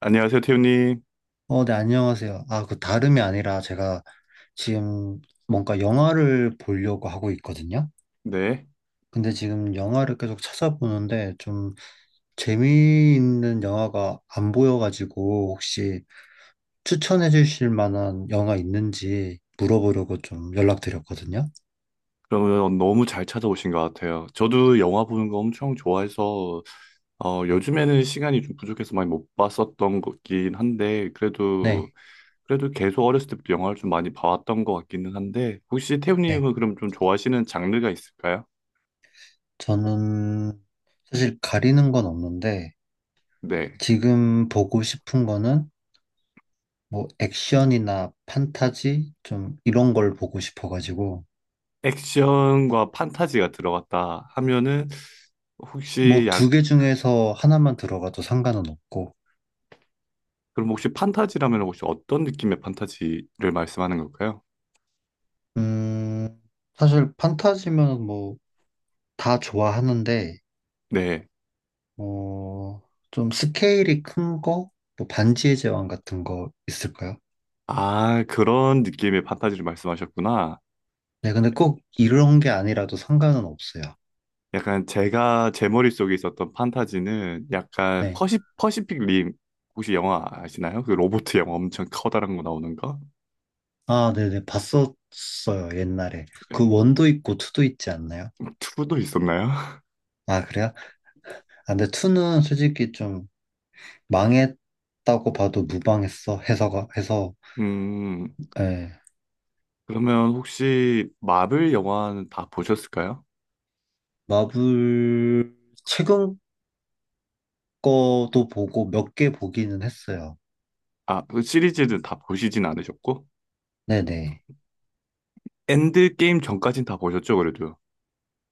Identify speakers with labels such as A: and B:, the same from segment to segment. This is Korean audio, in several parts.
A: 안녕하세요, 태우님.
B: 어, 네, 안녕하세요. 아, 그 다름이 아니라 제가 지금 뭔가 영화를 보려고 하고 있거든요.
A: 네.
B: 근데 지금 영화를 계속 찾아보는데 좀 재미있는 영화가 안 보여가지고 혹시 추천해 주실 만한 영화 있는지 물어보려고 좀 연락드렸거든요.
A: 그러면 너무 잘 찾아오신 것 같아요. 저도 영화 보는 거 엄청 좋아해서, 요즘에는 시간이 좀 부족해서 많이 못 봤었던 것긴 한데, 그래도,
B: 네,
A: 그래도 계속 어렸을 때부터 영화를 좀 많이 봐왔던 것 같기는 한데, 혹시
B: 네.
A: 태우님은 그럼 좀 좋아하시는 장르가 있을까요?
B: 저는 사실 가리는 건 없는데
A: 네.
B: 지금 보고 싶은 거는 뭐 액션이나 판타지 좀 이런 걸 보고 싶어가지고
A: 액션과 판타지가 들어갔다 하면은,
B: 뭐
A: 혹시 약,
B: 두 개 중에서 하나만 들어가도 상관은 없고,
A: 그럼 혹시 판타지라면 혹시 어떤 느낌의 판타지를 말씀하는 걸까요?
B: 음, 사실 판타지면 뭐 다 좋아하는데,
A: 네.
B: 어, 좀 스케일이 큰 거, 뭐 반지의 제왕 같은 거 있을까요?
A: 아, 그런 느낌의 판타지를 말씀하셨구나.
B: 네, 근데 꼭 이런 게 아니라도 상관은 없어요.
A: 약간 제가 제 머릿속에 있었던 판타지는 약간
B: 네.
A: 퍼시픽 림 혹시 영화 아시나요? 그 로보트 영화 엄청 커다란 거 나오는 거?
B: 아, 네네, 봤었어요, 옛날에. 그 원도 있고 투도 있지 않나요?
A: 2도 있었나요?
B: 아, 그래요? 아, 근데 투는 솔직히 좀 망했다고 봐도 무방했어, 해서가, 해서.
A: 음,
B: 예.
A: 그러면 혹시 마블 영화는 다 보셨을까요?
B: 마블 최근 거도 보고 몇 개 보기는 했어요.
A: 아, 그 시리즈는 다 보시진 않으셨고?
B: 네네.
A: 엔드게임 전까진 다 보셨죠, 그래도?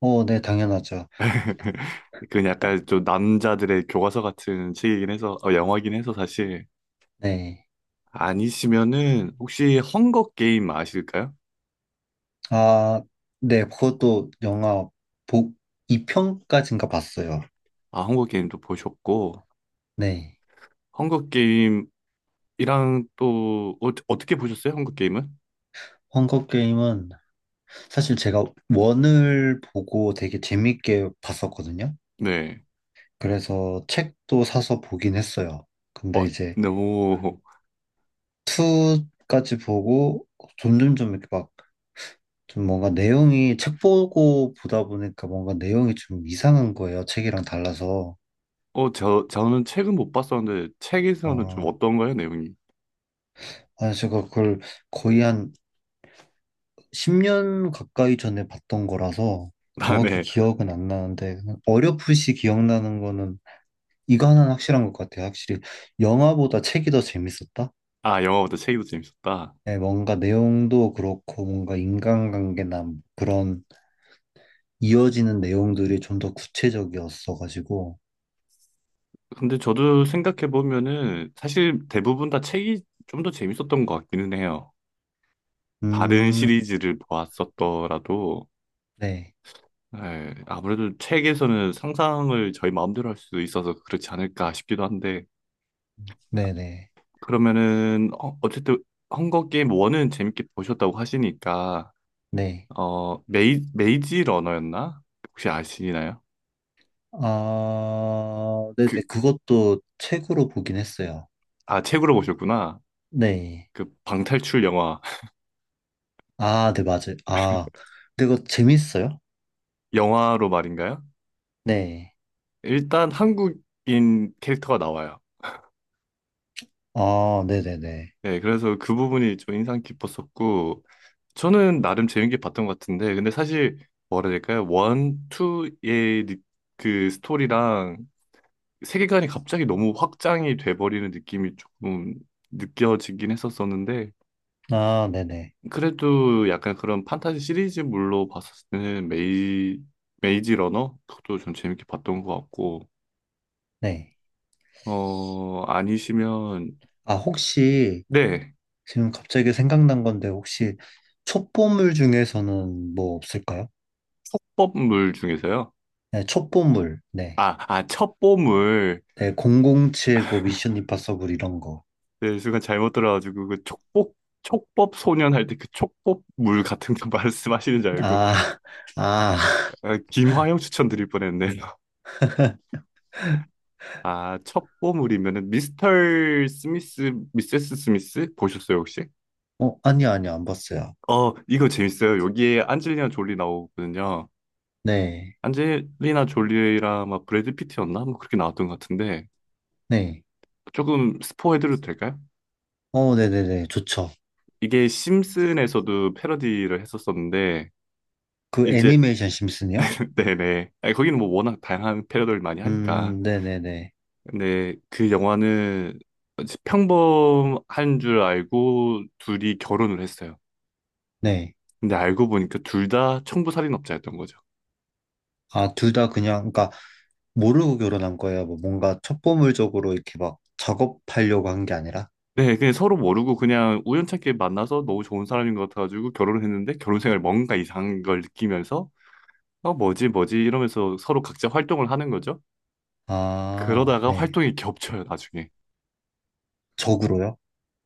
B: 어, 네, 당연하죠.
A: 그 약간 좀 남자들의 교과서 같은 책이긴 해서, 영화긴 해서 사실.
B: 네.
A: 아니시면은 혹시 헝거 게임 아실까요?
B: 아, 네, 그것도 영화 보, 2편까지인가 봤어요.
A: 아, 헝거 게임도 보셨고
B: 네.
A: 헝거 게임이랑 또 어떻게 보셨어요? 헝거 게임은?
B: 헝거 게임은 사실 제가 원을 보고 되게 재밌게 봤었거든요.
A: 네.
B: 그래서 책도 사서 보긴 했어요.
A: 어,
B: 근데 이제
A: 너무
B: 2까지 보고 점점점 이렇게 막 좀 뭔가 내용이 책 보고 보다 보니까 뭔가 내용이 좀 이상한 거예요. 책이랑 달라서.
A: 저는 책은 못 봤었는데 책에서는 좀
B: 어,
A: 어떤가요, 내용이?
B: 아, 제가 그걸 거의 한 10년 가까이 전에 봤던 거라서
A: 아,
B: 정확히
A: 네.
B: 기억은 안 나는데 그냥 어렴풋이 기억나는 거는 이거 하나는 확실한 것 같아요. 확실히 영화보다 책이 더 재밌었다?
A: 아, 영화보다 책이 더 재밌었다.
B: 네, 뭔가 내용도 그렇고 뭔가 인간관계나 그런 이어지는 내용들이 좀 더 구체적이었어가지고
A: 근데 저도 생각해 보면은 사실 대부분 다 책이 좀 더 재밌었던 것 같기는 해요. 다른
B: 음,
A: 시리즈를 보았었더라도
B: 네,
A: 네, 아무래도 책에서는 상상을 저희 마음대로 할 수도 있어서 그렇지 않을까 싶기도 한데,
B: 네네, 네.
A: 그러면은, 헝거 게임 1은 재밌게 보셨다고 하시니까,
B: 네.
A: 메이지 러너였나? 혹시 아시나요?
B: 아, 네네.
A: 그,
B: 그것도 책으로 보긴 했어요.
A: 아, 책으로 보셨구나.
B: 네.
A: 그 방탈출 영화.
B: 아, 네, 맞아요. 아, 근데 그거 재밌어요?
A: 영화로 말인가요?
B: 네.
A: 일단 한국인 캐릭터가 나와요.
B: 아, 네네네.
A: 네, 그래서 그 부분이 좀 인상 깊었었고, 저는 나름 재밌게 봤던 것 같은데, 근데 사실 뭐라 해야 될까요? 그 스토리랑 세계관이 갑자기 너무 확장이 돼버리는 느낌이 조금 느껴지긴 했었었는데,
B: 아, 네네.
A: 그래도 약간 그런 판타지 시리즈물로 봤을 때는 메이지 러너? 그것도 좀 재밌게 봤던 것 같고,
B: 네.
A: 아니시면,
B: 아, 혹시
A: 네,
B: 지금 갑자기 생각난 건데, 혹시 첩보물 중에서는 뭐 없을까요?
A: 촉법물 중에서요.
B: 네, 첩보물. 네.
A: 아, 아, 첩보물.
B: 네, 007, 뭐, 미션 임파서블 이런 거.
A: 네, 순간 잘못 들어가지고 그 촉법 소년 할 때 그 촉법 물 같은 거 말씀하시는 줄 알고
B: 아, 아,
A: 아, 김화영 추천드릴 뻔했네. 요 아, 첩보물이면은 미스터 스미스, 미세스 스미스 보셨어요, 혹시?
B: 어, 아니요, 아니요, 안 봤어요.
A: 이거 재밌어요. 여기에 안젤리나 졸리 나오거든요.
B: 네,
A: 안젤리나 졸리랑 막 브래드 피트였나? 뭐 그렇게 나왔던 것 같은데
B: 네.
A: 조금 스포해드려도 될까요?
B: 어, 네네네. 좋죠.
A: 이게 심슨에서도 패러디를 했었었는데
B: 그
A: 이제
B: 애니메이션 심슨이요?
A: 네네. 아니, 거기는 뭐 워낙 다양한 패러디를 많이 하니까.
B: 네네네.
A: 근데 그 영화는 평범한 줄 알고 둘이 결혼을 했어요.
B: 네.
A: 근데 알고 보니까 둘 다 청부살인업자였던 거죠.
B: 아, 둘 다 그냥, 그러니까 모르고 결혼한 거예요. 뭐 뭔가 첩보물적으로 이렇게 막 작업하려고 한 게 아니라.
A: 네, 그냥 서로 모르고 그냥 우연찮게 만나서 너무 좋은 사람인 것 같아가지고 결혼을 했는데 결혼 생활 뭔가 이상한 걸 느끼면서 어 뭐지 뭐지 이러면서 서로 각자 활동을 하는 거죠.
B: 아,
A: 그러다가
B: 네.
A: 활동이 겹쳐요 나중에.
B: 적으로요?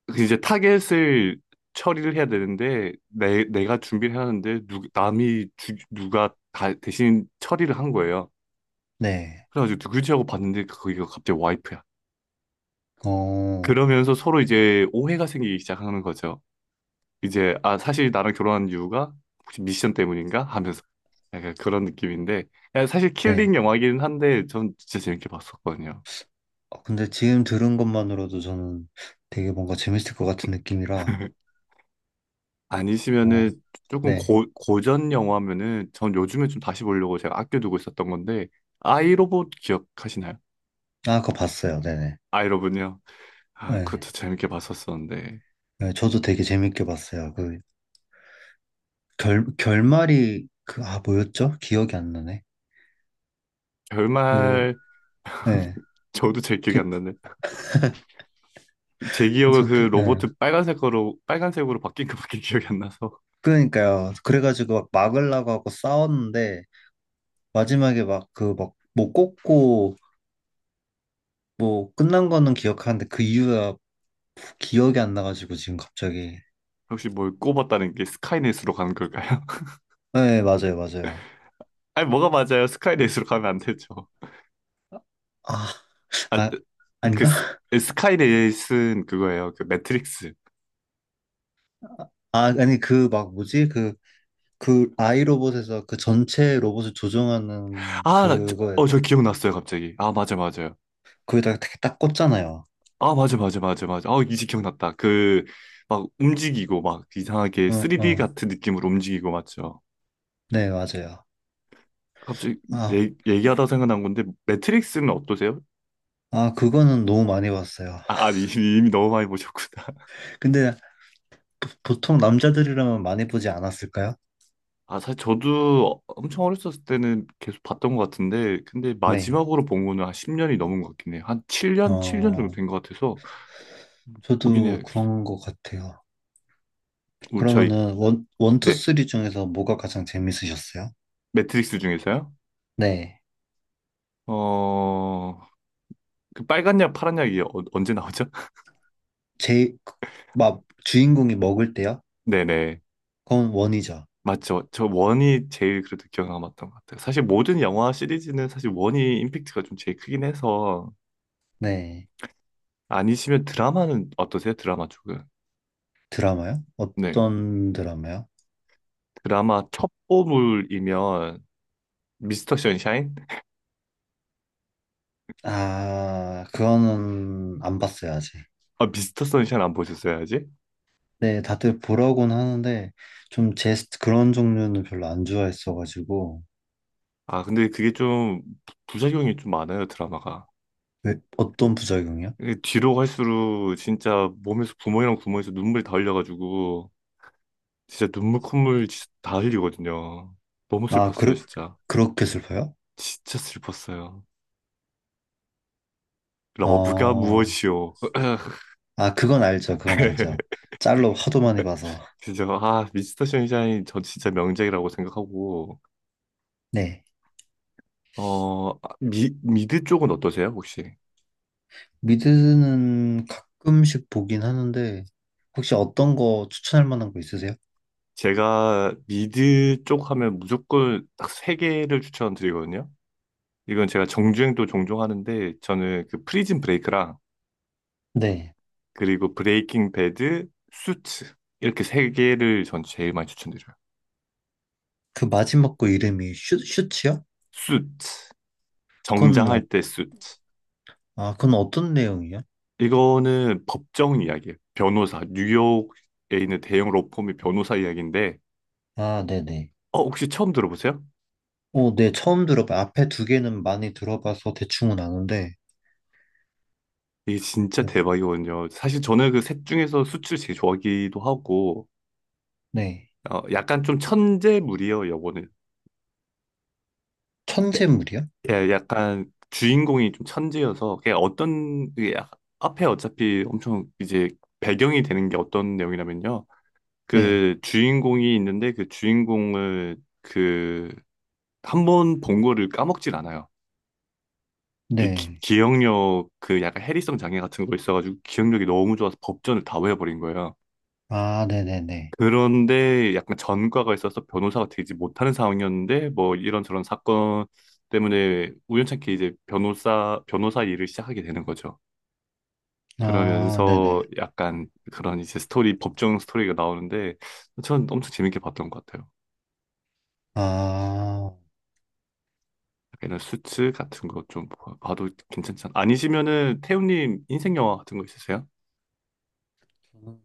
A: 그 이제 타겟을 처리를 해야 되는데 내 내가 준비를 해는데 누가 다 대신 처리를 한 거예요.
B: 네.
A: 그래가지고 누구지 하고 봤는데 거기가 갑자기 와이프야.
B: 어,
A: 그러면서 서로 이제 오해가 생기기 시작하는 거죠. 이제 아 사실 나랑 결혼한 이유가 혹시 미션 때문인가 하면서 약간 그런 느낌인데 야, 사실 킬링
B: 네.
A: 영화이긴 한데 전 진짜 재밌게 봤었거든요.
B: 근데 지금 들은 것만으로도 저는 되게 뭔가 재밌을 것 같은 느낌이라. 어,
A: 아니시면은 조금
B: 네.
A: 고전 영화면은 전 요즘에 좀 다시 보려고 제가 아껴두고 있었던 건데 아이로봇 기억하시나요?
B: 아, 그거 봤어요. 네네.
A: 아이로봇요? 아
B: 네.
A: 그것도 재밌게 봤었었는데
B: 네, 저도 되게 재밌게 봤어요. 그 결, 결말이 그, 아, 뭐였죠? 기억이 안 나네. 그,
A: 결말
B: 네.
A: 저도 제 기억이 안 나네. 제 기억은
B: 저,
A: 그 로봇
B: 예.
A: 빨간색으로 바뀐 것밖에 기억이 안 나서
B: 그러니까요. 그래가지고 막 막으려고 하고 싸웠는데, 마지막에 막 그 막 못 꽂고 뭐 끝난 거는 기억하는데 그 이유가 기억이 안 나가지고 지금 갑자기.
A: 혹시 뭘 꼽았다는 게 스카이넷으로 가는 걸까요?
B: 네, 맞아요, 맞아요.
A: 아니 뭐가 맞아요? 스카이넷으로 가면 안 되죠.
B: 아,
A: 아,
B: 아,
A: 그
B: 아닌가?
A: 스, 스카이넷은 그거예요. 그 매트릭스.
B: 아, 아니 그 막 뭐지? 그, 그 아이로봇에서 그 전체 로봇을 조종하는 그거,
A: 저 기억났어요, 갑자기. 아, 맞아, 맞아요.
B: 거기다가 되게 딱 꽂잖아요.
A: 아, 맞아, 맞아, 맞아, 맞아. 아, 이제 기억났다. 그, 막 움직이고, 막 이상하게
B: 응,
A: 3D
B: 응.
A: 같은 느낌으로 움직이고, 맞죠?
B: 네, 맞아요.
A: 갑자기
B: 아,
A: 얘기하다 생각난 건데, 매트릭스는 어떠세요?
B: 아, 그거는 너무 많이 봤어요.
A: 아, 아니, 이미 너무 많이 보셨구나.
B: 근데 보통 남자들이라면 많이 보지 않았을까요?
A: 아, 사실 저도 엄청 어렸었을 때는 계속 봤던 것 같은데, 근데
B: 네.
A: 마지막으로 본 거는 한 10년이 넘은 것 같긴 해요. 한 7년? 7년 정도
B: 어,
A: 된 것 같아서, 보긴
B: 저도
A: 해야겠어요.
B: 그런 것 같아요.
A: 우리 저희,
B: 그러면은 원, 원, 투,
A: 네,
B: 쓰리 중에서 뭐가 가장 재밌으셨어요?
A: 매트릭스 중에서요?
B: 네.
A: 어, 그 빨간 약, 파란 약이 언제 나오죠?
B: 제, 막 주인공이 먹을 때요?
A: 네네.
B: 그건 원이죠.
A: 맞죠. 저 원이 제일 그래도 기억 남았던 것 같아요. 사실 모든 영화 시리즈는 사실 원이 임팩트가 좀 제일 크긴 해서
B: 네.
A: 아니시면 드라마는 어떠세요? 드라마 쪽은.
B: 드라마요?
A: 네.
B: 어떤 드라마요?
A: 드라마 첩보물이면 미스터 선샤인?
B: 아, 그거는 안 봤어요, 아직.
A: 아, 미스터 선샤인 안 보셨어야지.
B: 네, 다들 보라고는 하는데, 좀 그런 종류는 별로 안 좋아했어가지고,
A: 아, 근데 그게 좀 부작용이 좀 많아요, 드라마가.
B: 왜, 어떤 부작용이요?
A: 이게 뒤로 갈수록 진짜 몸에서 구멍이랑 구멍에서 눈물이 다 흘려가지고 진짜 눈물 콧물 진짜 다 흘리거든요. 너무
B: 아,
A: 슬펐어요,
B: 그렇,
A: 진짜.
B: 그렇게 슬퍼요?
A: 진짜 슬펐어요. 러브가
B: 어,
A: 무엇이오?
B: 아, 그건 알죠. 그건 알죠. 짤로 하도 많이 봐서.
A: 진짜 아 미스터 션샤인 저 진짜 명작이라고 생각하고
B: 네.
A: 미드 쪽은 어떠세요 혹시?
B: 미드는 가끔씩 보긴 하는데, 혹시 어떤 거 추천할 만한 거 있으세요?
A: 제가 미드 쪽 하면 무조건 딱 세 개를 추천드리거든요. 이건 제가 정주행도 종종 하는데 저는 그 프리즌 브레이크랑
B: 네.
A: 그리고 브레이킹 배드, 수트 이렇게 세 개를 전 제일 많이 추천드려요.
B: 그 마지막 거 이름이 슈, 슈츠요?
A: 수트
B: 그건,
A: 정장할 때 수트
B: 아, 그건 어떤 내용이요?
A: 이거는 법정 이야기예요. 변호사. 뉴욕에 있는 대형 로펌의 변호사 이야기인데,
B: 아, 네네.
A: 어, 혹시 처음 들어보세요?
B: 어, 네. 처음 들어봐. 앞에 두 개는 많이 들어봐서 대충은 아는데,
A: 이게 진짜 대박이거든요. 사실 저는 그 셋 중에서 수출 제일 좋아하기도 하고,
B: 네.
A: 약간 좀 천재물이에요, 요거는. 예,
B: 천재물이요?
A: 예, 약간 주인공이 좀 천재여서, 그냥 어떤, 앞에 어차피 엄청 이제 배경이 되는 게 어떤 내용이냐면요.
B: 네.
A: 그 주인공이 있는데 그 주인공을 그, 한 번 본 거를 까먹질 않아요. 그
B: 네.
A: 기억력 그 약간 해리성 장애 같은 거 있어가지고 기억력이 너무 좋아서 법전을 다 외워버린 거야.
B: 아, 네네네.
A: 그런데 약간 전과가 있어서 변호사가 되지 못하는 상황이었는데 뭐 이런저런 사건 때문에 우연찮게 이제 변호사 일을 시작하게 되는 거죠.
B: 아,
A: 그러면서
B: 네네.
A: 약간 그런 이제 스토리 법정 스토리가 나오는데 전 엄청 재밌게 봤던 것 같아요.
B: 아,
A: 약간 이런 수츠 같은 거 좀 봐도 괜찮지 않... 아니시면은 태우님 인생 영화 같은 거 있으세요?
B: 저는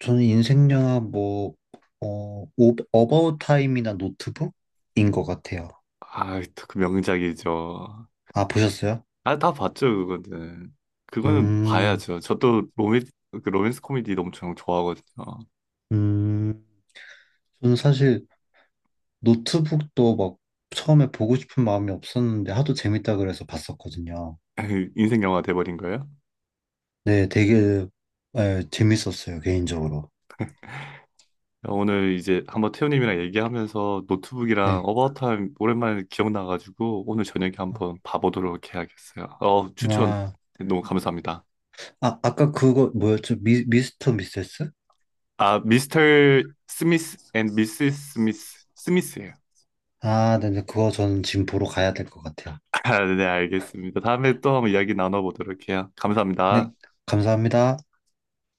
B: 저는 인생 영화 뭐, 어, 오, 어바웃 타임이나 노트북인 것 같아요.
A: 아, 또그 명작이죠.
B: 아, 보셨어요?
A: 아, 다 봤죠, 그거는. 그거는
B: 음,
A: 봐야죠. 그 로맨스 코미디 엄청 좋아하거든요.
B: 음, 저는 사실 노트북도 막 처음에 보고 싶은 마음이 없었는데 하도 재밌다 그래서 봤었거든요.
A: 인생 영화 돼버린 거예요?
B: 네, 되게 예, 재밌었어요, 개인적으로.
A: 오늘 이제 한번 태우님이랑 얘기하면서 노트북이랑
B: 네.
A: 어바웃 타임 오랜만에 기억나가지고 오늘 저녁에 한번 봐보도록 해야겠어요. 어, 추천
B: 아,
A: 너무 감사합니다.
B: 아, 아까 그거 뭐였죠? 미, 미스터 미세스?
A: 아, 미스터 스미스 앤 미스 스미스, 스미스예요.
B: 아, 네네, 그거 저는 지금 보러 가야 될 것 같아요.
A: 아, 네, 알겠습니다. 다음에 또 한번 이야기 나눠보도록 해요. 감사합니다.
B: 네, 감사합니다.